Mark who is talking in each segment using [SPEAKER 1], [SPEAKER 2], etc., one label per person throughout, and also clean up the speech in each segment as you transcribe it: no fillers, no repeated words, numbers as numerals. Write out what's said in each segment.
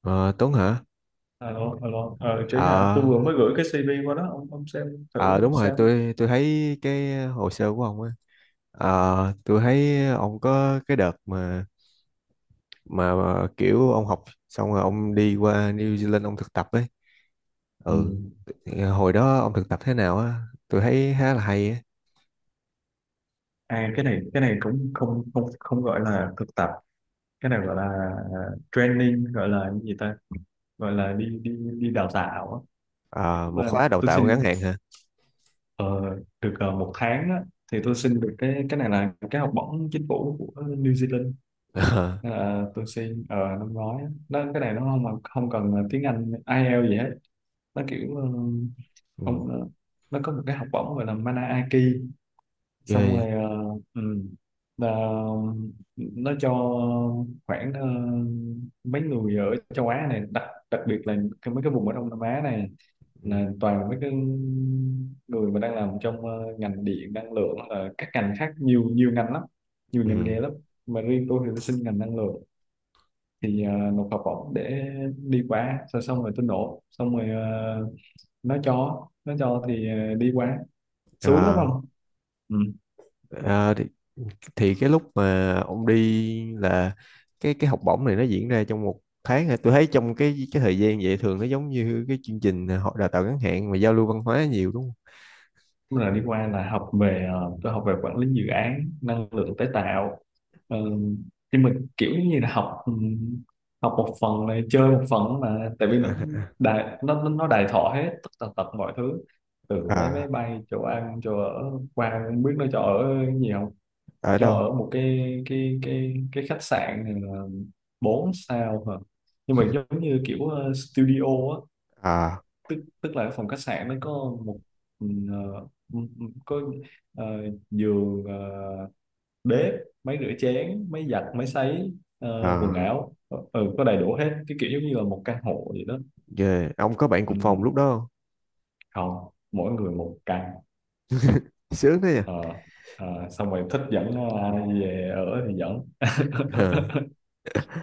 [SPEAKER 1] Ờ, Tuấn hả?
[SPEAKER 2] Alo, alo, Trí hả?
[SPEAKER 1] Ờ,
[SPEAKER 2] Tôi vừa mới gửi cái CV qua đó, ông xem
[SPEAKER 1] ờ
[SPEAKER 2] thử
[SPEAKER 1] đúng rồi,
[SPEAKER 2] xem.
[SPEAKER 1] tôi thấy cái hồ sơ của ông á. Ờ, tôi thấy ông có cái đợt mà, mà kiểu ông học xong rồi ông đi qua New Zealand ông thực tập ấy.
[SPEAKER 2] Ừ.
[SPEAKER 1] Ừ, hồi đó ông thực tập thế nào á? Tôi thấy khá là hay á.
[SPEAKER 2] À, cái này cũng không không không gọi là thực tập, cái này gọi là à, training, gọi là cái gì ta? Gọi là đi đi đi đào tạo á.
[SPEAKER 1] Ờ, một
[SPEAKER 2] Mà
[SPEAKER 1] khóa đào
[SPEAKER 2] tôi
[SPEAKER 1] tạo ngắn
[SPEAKER 2] xin
[SPEAKER 1] hạn hả?
[SPEAKER 2] ờ, được một tháng á, thì tôi xin được cái này là cái học bổng chính phủ của New Zealand.
[SPEAKER 1] Ờ,
[SPEAKER 2] À, tôi xin ở năm ngoái á. Nó cái này nó không không cần tiếng Anh IELTS gì hết, nó kiểu
[SPEAKER 1] ừ,
[SPEAKER 2] ông ờ, nó có một cái học bổng gọi là Manaki,
[SPEAKER 1] ghê
[SPEAKER 2] xong
[SPEAKER 1] vậy.
[SPEAKER 2] rồi ừ, là nó cho khoảng mấy người ở châu Á này, đặc đặc biệt là mấy cái vùng ở Đông Nam Á này,
[SPEAKER 1] Ừ,
[SPEAKER 2] là toàn là mấy cái người mà đang làm trong ngành điện năng lượng, là các ngành khác, nhiều nhiều ngành lắm, nhiều ngành
[SPEAKER 1] ừ,
[SPEAKER 2] nghề lắm. Mà riêng tôi thì tôi xin ngành năng lượng, thì nộp học bổng để đi qua. Xong xong rồi tôi nộp xong rồi nó cho thì đi qua xuống đúng
[SPEAKER 1] Ờ,
[SPEAKER 2] không? Ừ.
[SPEAKER 1] ờ, thì cái lúc mà ông đi là cái học bổng này nó diễn ra trong một tháng hả? Tôi thấy trong cái thời gian vậy thường nó giống như cái chương trình họ đào tạo ngắn hạn mà giao lưu văn hóa nhiều đúng không?
[SPEAKER 2] Cũng là đi qua là học về tôi học về quản lý dự án năng lượng tái tạo. Ờ, thì mình kiểu như là học, học một phần này chơi một phần, mà tại vì nó
[SPEAKER 1] À,
[SPEAKER 2] đài, nó đầy thọ hết tất tần tật mọi thứ, từ
[SPEAKER 1] à,
[SPEAKER 2] vé
[SPEAKER 1] à,
[SPEAKER 2] máy
[SPEAKER 1] à,
[SPEAKER 2] bay, chỗ ăn chỗ ở, qua không biết nó cho ở nhiều không.
[SPEAKER 1] ở
[SPEAKER 2] Cho
[SPEAKER 1] đâu?
[SPEAKER 2] ở một cái khách sạn ờ, 4 sao hả, nhưng mà giống như kiểu studio á.
[SPEAKER 1] À,
[SPEAKER 2] Tức tức là cái phòng khách sạn nó có một, có ờ, giường, bếp, máy rửa chén, máy giặt, máy sấy, quần
[SPEAKER 1] à,
[SPEAKER 2] áo, có đầy đủ hết, cái kiểu giống như là một căn hộ vậy đó.
[SPEAKER 1] ghê. Ông có bạn
[SPEAKER 2] Ừ,
[SPEAKER 1] cùng phòng lúc đó không?
[SPEAKER 2] không, mỗi người một căn.
[SPEAKER 1] Sướng thế nhỉ?
[SPEAKER 2] Ờ, xong rồi thích dẫn ai về ở thì dẫn.
[SPEAKER 1] Ờ.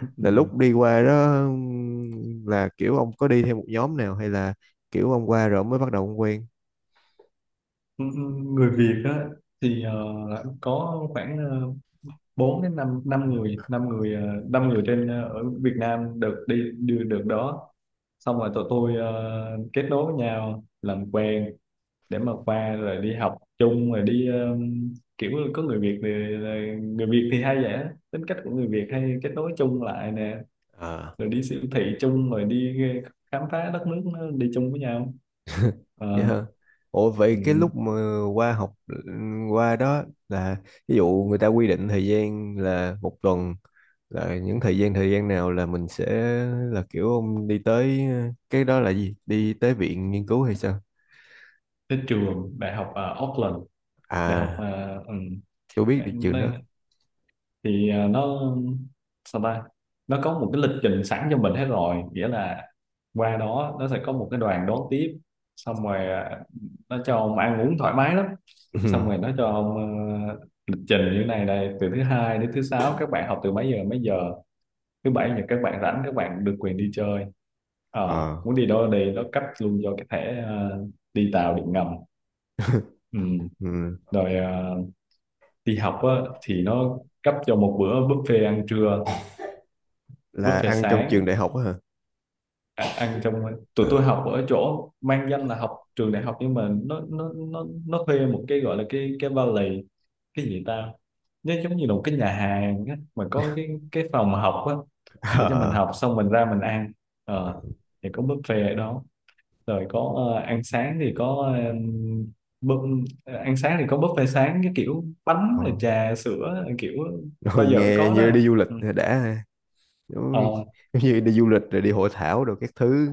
[SPEAKER 2] Ừ.
[SPEAKER 1] Là lúc đi qua đó, là kiểu ông có đi theo một nhóm nào hay là kiểu ông qua rồi ông mới bắt đầu ông quen?
[SPEAKER 2] Ừ, Người Việt á, thì có khoảng 4 đến 5 năm năm người ờ, năm người trên ở Việt Nam được đi đưa được đó. Xong rồi tụi tôi kết nối với nhau, làm quen để mà qua rồi đi học chung, rồi đi kiểu có người Việt thì người Việt thì hay vậy á. Tính cách của người Việt hay kết nối chung lại nè,
[SPEAKER 1] Ờ.
[SPEAKER 2] rồi đi siêu thị chung, rồi đi khám phá đất nước nó, đi chung với nhau.
[SPEAKER 1] Vậy
[SPEAKER 2] Ờ,
[SPEAKER 1] hả? Ủa vậy cái
[SPEAKER 2] ừ,
[SPEAKER 1] lúc mà qua học qua đó là ví dụ người ta quy định thời gian là một tuần, là những thời gian nào là mình sẽ, là kiểu ông đi tới, cái đó là gì? Đi tới viện nghiên cứu hay sao?
[SPEAKER 2] tới trường đại học ở Auckland, đại học
[SPEAKER 1] À, tôi biết
[SPEAKER 2] ừ,
[SPEAKER 1] được trường đó.
[SPEAKER 2] thì nó sao ta, nó có một cái lịch trình sẵn cho mình hết rồi, nghĩa là qua đó nó sẽ có một cái đoàn đón tiếp. Xong rồi nó cho ông ăn uống thoải mái lắm. Xong rồi nó cho ông ờ, lịch trình như thế này đây: từ thứ hai đến thứ sáu các bạn học từ mấy giờ đến mấy giờ, thứ bảy thì các bạn rảnh, các bạn được quyền đi chơi. Ờ,
[SPEAKER 1] Ờ.
[SPEAKER 2] muốn đi đâu đi, nó cấp luôn cho cái thẻ đi tàu điện ngầm. Ừ.
[SPEAKER 1] Ừ.
[SPEAKER 2] Rồi đi học á, thì nó cấp cho một bữa buffet ăn trưa,
[SPEAKER 1] Là
[SPEAKER 2] buffet
[SPEAKER 1] ăn trong
[SPEAKER 2] sáng.
[SPEAKER 1] trường đại học á hả?
[SPEAKER 2] Ăn trong, tụi tôi học ở chỗ mang danh là học trường đại học nhưng mà nó thuê một cái gọi là cái valley, cái gì ta, nó giống như là một cái nhà hàng á, mà có cái phòng học á, để cho mình
[SPEAKER 1] Ờ.
[SPEAKER 2] học xong mình ra mình ăn. ờ, thì có buffet ở đó, rồi có ăn sáng thì có ăn sáng thì có buffet sáng, cái kiểu bánh
[SPEAKER 1] Ờ.
[SPEAKER 2] rồi trà sữa, kiểu bao
[SPEAKER 1] Ừ,
[SPEAKER 2] giờ cũng
[SPEAKER 1] nghe
[SPEAKER 2] có
[SPEAKER 1] như đi
[SPEAKER 2] đó.
[SPEAKER 1] du lịch
[SPEAKER 2] Ừ.
[SPEAKER 1] đã ha. Giống,
[SPEAKER 2] Ờ,
[SPEAKER 1] giống như đi du lịch rồi đi hội thảo rồi các thứ.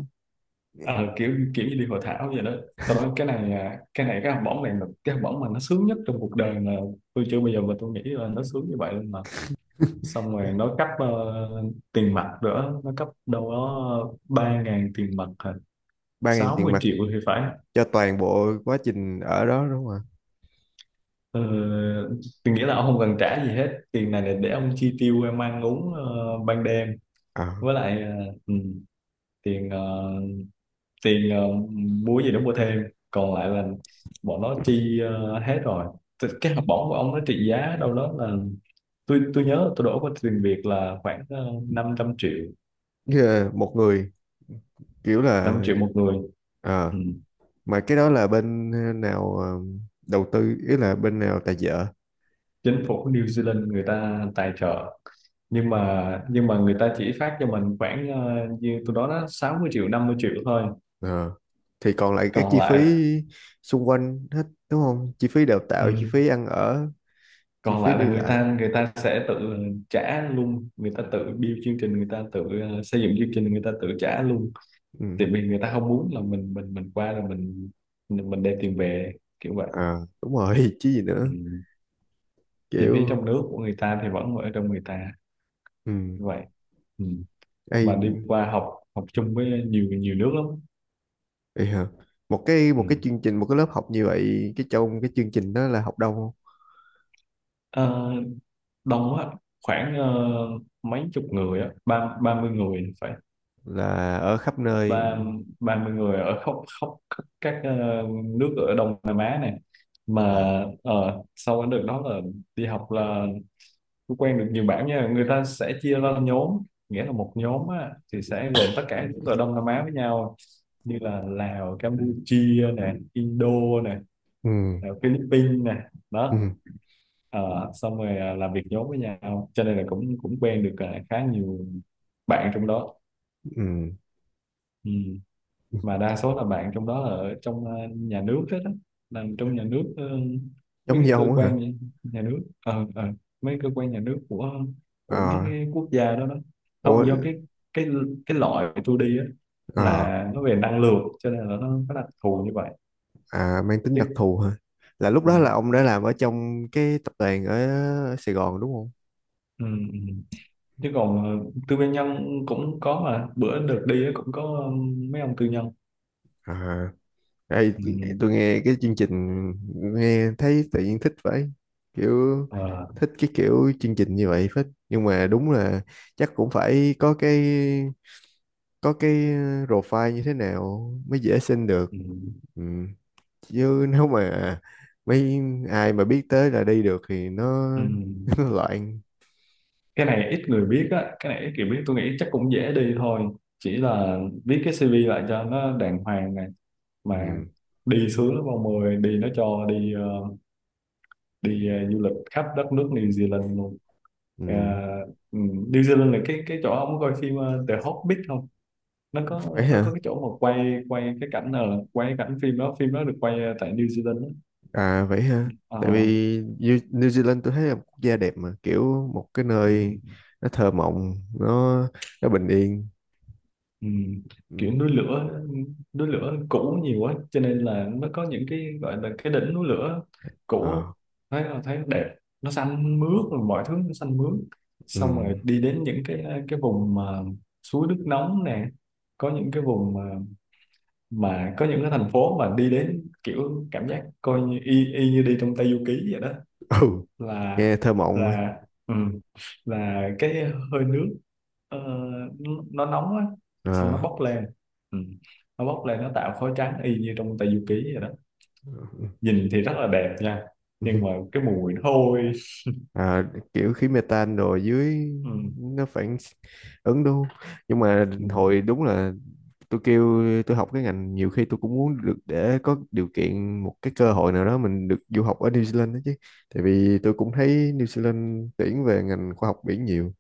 [SPEAKER 2] ờ, kiểu kiểu như đi hội thảo vậy đó. Tao nói cái này, cái này, cái học bổng này là cái học bổng mà nó sướng nhất trong cuộc đời mà, tôi chưa bao giờ mà tôi nghĩ là nó sướng như vậy luôn mà. Xong rồi nó cấp tiền mặt nữa, nó cấp đâu đó 3.000 tiền mặt hả?
[SPEAKER 1] Ba ngàn tiền
[SPEAKER 2] 60
[SPEAKER 1] mặt
[SPEAKER 2] triệu thì phải.
[SPEAKER 1] cho toàn bộ quá trình ở đó đúng không ạ?
[SPEAKER 2] ờ, tôi nghĩ là ông không cần trả gì hết, tiền này là để ông chi tiêu, em ăn uống ban đêm, với lại tiền, tiền ờ, mua gì đó mua thêm. Còn lại là bọn nó chi hết rồi. Thì cái học bổng của ông nó trị giá đâu đó là, tôi nhớ tôi đổ qua tiền Việt là khoảng 500 triệu,
[SPEAKER 1] À, một người, kiểu
[SPEAKER 2] 5
[SPEAKER 1] là,
[SPEAKER 2] triệu một người.
[SPEAKER 1] ờ,
[SPEAKER 2] Ừ.
[SPEAKER 1] mà cái đó là bên nào đầu tư, ý là bên nào tài trợ?
[SPEAKER 2] Chính phủ New Zealand người ta tài trợ, nhưng mà người ta chỉ phát cho mình khoảng như tôi đó đó, 60 triệu, 50 triệu thôi.
[SPEAKER 1] Ờ, thì còn lại các
[SPEAKER 2] còn
[SPEAKER 1] chi phí
[SPEAKER 2] lại
[SPEAKER 1] xung quanh hết đúng không, chi phí đào
[SPEAKER 2] ừ,
[SPEAKER 1] tạo, chi phí ăn ở, chi
[SPEAKER 2] còn
[SPEAKER 1] phí
[SPEAKER 2] lại là
[SPEAKER 1] đi
[SPEAKER 2] người
[SPEAKER 1] lại.
[SPEAKER 2] ta người ta sẽ tự trả luôn, người ta tự build chương trình, người ta tự xây dựng chương trình, người ta tự trả luôn.
[SPEAKER 1] Ừ.
[SPEAKER 2] Tại vì người ta không muốn là mình qua rồi mình đem tiền về kiểu vậy.
[SPEAKER 1] À đúng rồi, chứ gì
[SPEAKER 2] Ừ.
[SPEAKER 1] nữa,
[SPEAKER 2] Chi phí
[SPEAKER 1] kiểu.
[SPEAKER 2] trong nước của người ta thì vẫn ở trong người ta
[SPEAKER 1] Ừ.
[SPEAKER 2] như vậy. Ừ.
[SPEAKER 1] Ây,
[SPEAKER 2] Mà đi qua học học chung với nhiều nhiều nước lắm.
[SPEAKER 1] ây hờ. Một cái,
[SPEAKER 2] Ừ.
[SPEAKER 1] một cái chương trình, một cái lớp học như vậy, cái trong cái chương trình đó là học đông không?
[SPEAKER 2] Ờ, đông á, khoảng mấy chục người á, ba 30 người phải,
[SPEAKER 1] Là ở khắp nơi.
[SPEAKER 2] ba 30 người ở khắp, các nước ở Đông Nam Á này mà.
[SPEAKER 1] À.
[SPEAKER 2] Sau cái đợt đó là đi học là tôi quen được nhiều bạn nha, người ta sẽ chia ra nhóm, nghĩa là một nhóm á, thì sẽ gồm tất cả những người Đông Nam Á với nhau, như là Lào, Campuchia nè, Indo nè,
[SPEAKER 1] Ừ,
[SPEAKER 2] Philippines nè
[SPEAKER 1] ừ,
[SPEAKER 2] đó. Ờ, xong rồi làm việc nhóm với nhau, cho nên là cũng cũng quen được, khá nhiều bạn trong đó.
[SPEAKER 1] ừ,
[SPEAKER 2] Ừ.
[SPEAKER 1] ừ.
[SPEAKER 2] Mà đa số là bạn trong đó là ở trong nhà nước hết á, làm trong nhà nước, mấy
[SPEAKER 1] Giống
[SPEAKER 2] cái
[SPEAKER 1] như
[SPEAKER 2] cơ
[SPEAKER 1] ông á hả?
[SPEAKER 2] quan nhà nhà nước, ờ ờ mấy cơ quan nhà nước của mấy
[SPEAKER 1] Ờ.
[SPEAKER 2] cái quốc gia đó đó.
[SPEAKER 1] Ủa.
[SPEAKER 2] Không, do cái cái loại tôi đi á,
[SPEAKER 1] Ờ.
[SPEAKER 2] là nó về năng lượng, cho nên là nó có đặc thù như vậy
[SPEAKER 1] À mang tính đặc
[SPEAKER 2] chứ.
[SPEAKER 1] thù hả? Là lúc
[SPEAKER 2] Ừ,
[SPEAKER 1] đó là ông đã làm ở trong cái tập đoàn ở Sài Gòn đúng không?
[SPEAKER 2] ừ, ừ. Chứ còn tư nhân cũng có, mà bữa được đi á cũng có mấy ông tư nhân.
[SPEAKER 1] À, đây,
[SPEAKER 2] Ừ,
[SPEAKER 1] tôi nghe cái chương trình nghe thấy tự nhiên thích vậy, kiểu
[SPEAKER 2] ờ,
[SPEAKER 1] thích cái kiểu chương trình như vậy phết, nhưng mà đúng là chắc cũng phải có cái, có cái profile như thế nào mới dễ xin được.
[SPEAKER 2] ừ,
[SPEAKER 1] Ừ, chứ nếu mà mấy ai mà biết tới là đi được thì nó,
[SPEAKER 2] ừ.
[SPEAKER 1] nó loạn.
[SPEAKER 2] Cái này ít người biết á, cái này ít người biết. Tôi nghĩ chắc cũng dễ đi thôi, chỉ là viết cái CV lại cho nó đàng hoàng này, mà
[SPEAKER 1] Ừ.
[SPEAKER 2] đi sướng lắm ông ơi, đi nó cho đi đi du lịch khắp đất nước New Zealand luôn. Ờ,
[SPEAKER 1] Ừ.
[SPEAKER 2] ừ, New Zealand là cái chỗ ông có coi phim The Hobbit không? nó
[SPEAKER 1] Vậy
[SPEAKER 2] có nó
[SPEAKER 1] hả?
[SPEAKER 2] có cái chỗ mà quay quay cái cảnh, là quay cái cảnh phim đó được quay tại New Zealand đó.
[SPEAKER 1] À vậy hả?
[SPEAKER 2] Ờ,
[SPEAKER 1] Tại vì New, New Zealand tôi thấy là một quốc gia đẹp mà, kiểu một cái
[SPEAKER 2] ừ.
[SPEAKER 1] nơi nó thơ mộng, nó nó bình yên.
[SPEAKER 2] Ừ.
[SPEAKER 1] Ừ.
[SPEAKER 2] Kiểu núi lửa, núi lửa cũ nhiều quá, cho nên là nó có những cái gọi là cái đỉnh núi lửa cũ á.
[SPEAKER 1] Ờ.
[SPEAKER 2] Thấy là thấy đẹp, nó xanh mướt, rồi mọi thứ nó xanh mướt.
[SPEAKER 1] Ừ.
[SPEAKER 2] Xong rồi đi đến những cái vùng mà suối nước nóng nè, có những cái vùng mà, có những cái thành phố mà đi đến kiểu cảm giác coi như y như đi trong Tây Du Ký vậy đó.
[SPEAKER 1] Ừ,
[SPEAKER 2] là
[SPEAKER 1] nghe thơ mộng mà.
[SPEAKER 2] là ừ, là cái hơi nước ờ, nó nóng á, xong
[SPEAKER 1] Ờ.
[SPEAKER 2] nó bốc lên. Ừ. Nó bốc lên nó tạo khói trắng y như trong Tây Du Ký vậy đó, nhìn thì rất là đẹp nha, nhưng mà cái mùi nó hôi.
[SPEAKER 1] À, kiểu khí mê rồi dưới
[SPEAKER 2] Ừ.
[SPEAKER 1] nó phản ứng đúng không? Nhưng mà
[SPEAKER 2] Ừ.
[SPEAKER 1] hồi đúng là tôi kêu tôi học cái ngành, nhiều khi tôi cũng muốn được để có điều kiện, một cái cơ hội nào đó mình được du học ở New Zealand đó chứ, tại vì tôi cũng thấy New Zealand tuyển về ngành khoa học biển nhiều,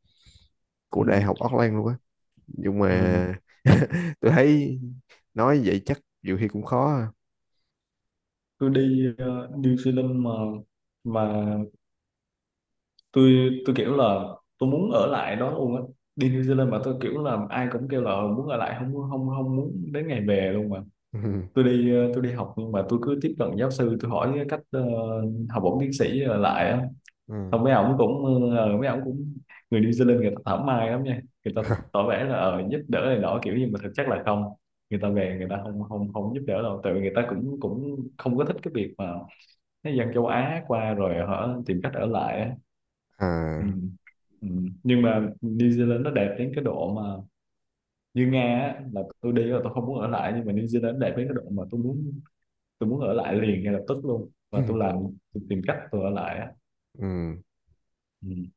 [SPEAKER 2] Ừ.
[SPEAKER 1] của đại học Auckland luôn á, nhưng
[SPEAKER 2] Ừ.
[SPEAKER 1] mà tôi thấy nói vậy chắc nhiều khi cũng khó à.
[SPEAKER 2] Tôi đi New Zealand mà, mà tôi kiểu là tôi muốn ở lại đó luôn á. Đi New Zealand mà tôi kiểu là ai cũng kêu là muốn ở lại, không không không muốn đến ngày về luôn mà.
[SPEAKER 1] Ừ.
[SPEAKER 2] Tôi đi tôi đi học, nhưng mà tôi cứ tiếp cận giáo sư, tôi hỏi cái cách học bổng tiến sĩ lại á.
[SPEAKER 1] Ừ.
[SPEAKER 2] Xong mấy ổng cũng, mấy ổng cũng, người New Zealand người ta thảo mai lắm nha, người ta tỏ vẻ là giúp đỡ này nọ kiểu gì mà thực chất là không. Người ta về người ta không không không giúp đỡ đâu, tại vì người ta cũng cũng không có thích cái việc mà cái dân châu Á qua rồi họ tìm cách ở lại á. Ừ.
[SPEAKER 1] À.
[SPEAKER 2] Ừ. Nhưng mà New Zealand nó đẹp đến cái độ mà, như Nga á, là tôi đi là tôi không muốn ở lại, nhưng mà New Zealand đẹp đến cái độ mà tôi muốn ở lại liền ngay lập tức luôn, và tôi làm, tôi tìm cách tôi ở lại á.
[SPEAKER 1] Ừ.
[SPEAKER 2] Ừ.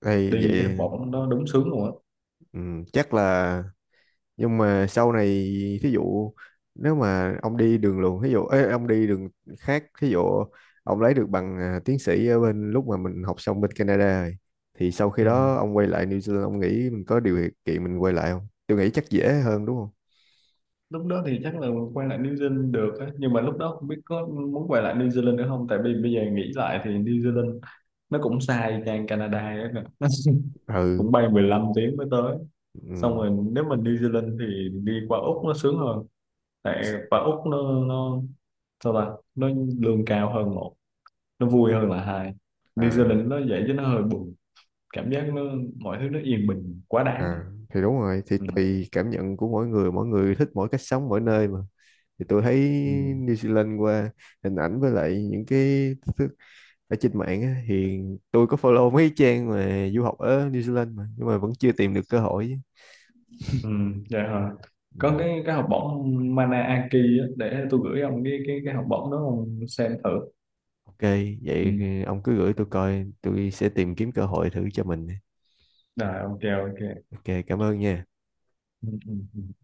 [SPEAKER 1] Đây
[SPEAKER 2] Đi cái học
[SPEAKER 1] vậy.
[SPEAKER 2] bổng nó đúng sướng luôn á.
[SPEAKER 1] Ừ, chắc là, nhưng mà sau này thí dụ nếu mà ông đi đường luồng, thí dụ ê, ông đi đường khác, thí dụ ông lấy được bằng, à, tiến sĩ ở bên lúc mà mình học xong bên Canada rồi, thì sau khi
[SPEAKER 2] Ừ.
[SPEAKER 1] đó ông quay lại New Zealand, ông nghĩ mình có điều kiện mình quay lại không? Tôi nghĩ chắc dễ hơn đúng không?
[SPEAKER 2] Lúc đó thì chắc là quay lại New Zealand được á, nhưng mà lúc đó không biết có muốn quay lại New Zealand nữa không, tại vì bây giờ nghĩ lại thì New Zealand nó cũng xa ngang Canada ấy nè. Nó
[SPEAKER 1] Ừ,
[SPEAKER 2] cũng bay 15 tiếng mới tới. Xong
[SPEAKER 1] ừ,
[SPEAKER 2] rồi nếu mà New Zealand thì đi qua Úc nó sướng hơn, tại qua Úc nó sao ta, nó lương cao hơn một, nó vui hơn là hai. New
[SPEAKER 1] à,
[SPEAKER 2] Zealand nó vậy chứ nó hơi buồn, cảm giác nó, mọi thứ nó yên bình quá
[SPEAKER 1] à,
[SPEAKER 2] đáng.
[SPEAKER 1] thì đúng rồi, thì
[SPEAKER 2] Ừ.
[SPEAKER 1] tùy cảm nhận của mỗi người, mỗi người thích mỗi cách sống mỗi nơi mà. Thì tôi thấy
[SPEAKER 2] Ừ.
[SPEAKER 1] New Zealand qua hình ảnh với lại những cái thứ ở trên mạng á, thì tôi có follow mấy trang mà du học ở New Zealand mà nhưng mà vẫn chưa tìm được cơ hội.
[SPEAKER 2] Ừ. Dạ hả?
[SPEAKER 1] Ừ.
[SPEAKER 2] Có cái học bổng Mana á, để tôi gửi ông cái học bổng đó ông xem thử.
[SPEAKER 1] Ok
[SPEAKER 2] Ừ.
[SPEAKER 1] vậy ông cứ gửi tôi coi, tôi sẽ tìm kiếm cơ hội thử cho mình.
[SPEAKER 2] Rồi ok. Ok.
[SPEAKER 1] Ok, cảm ơn nha.
[SPEAKER 2] Ừ. Ừ. Ừ.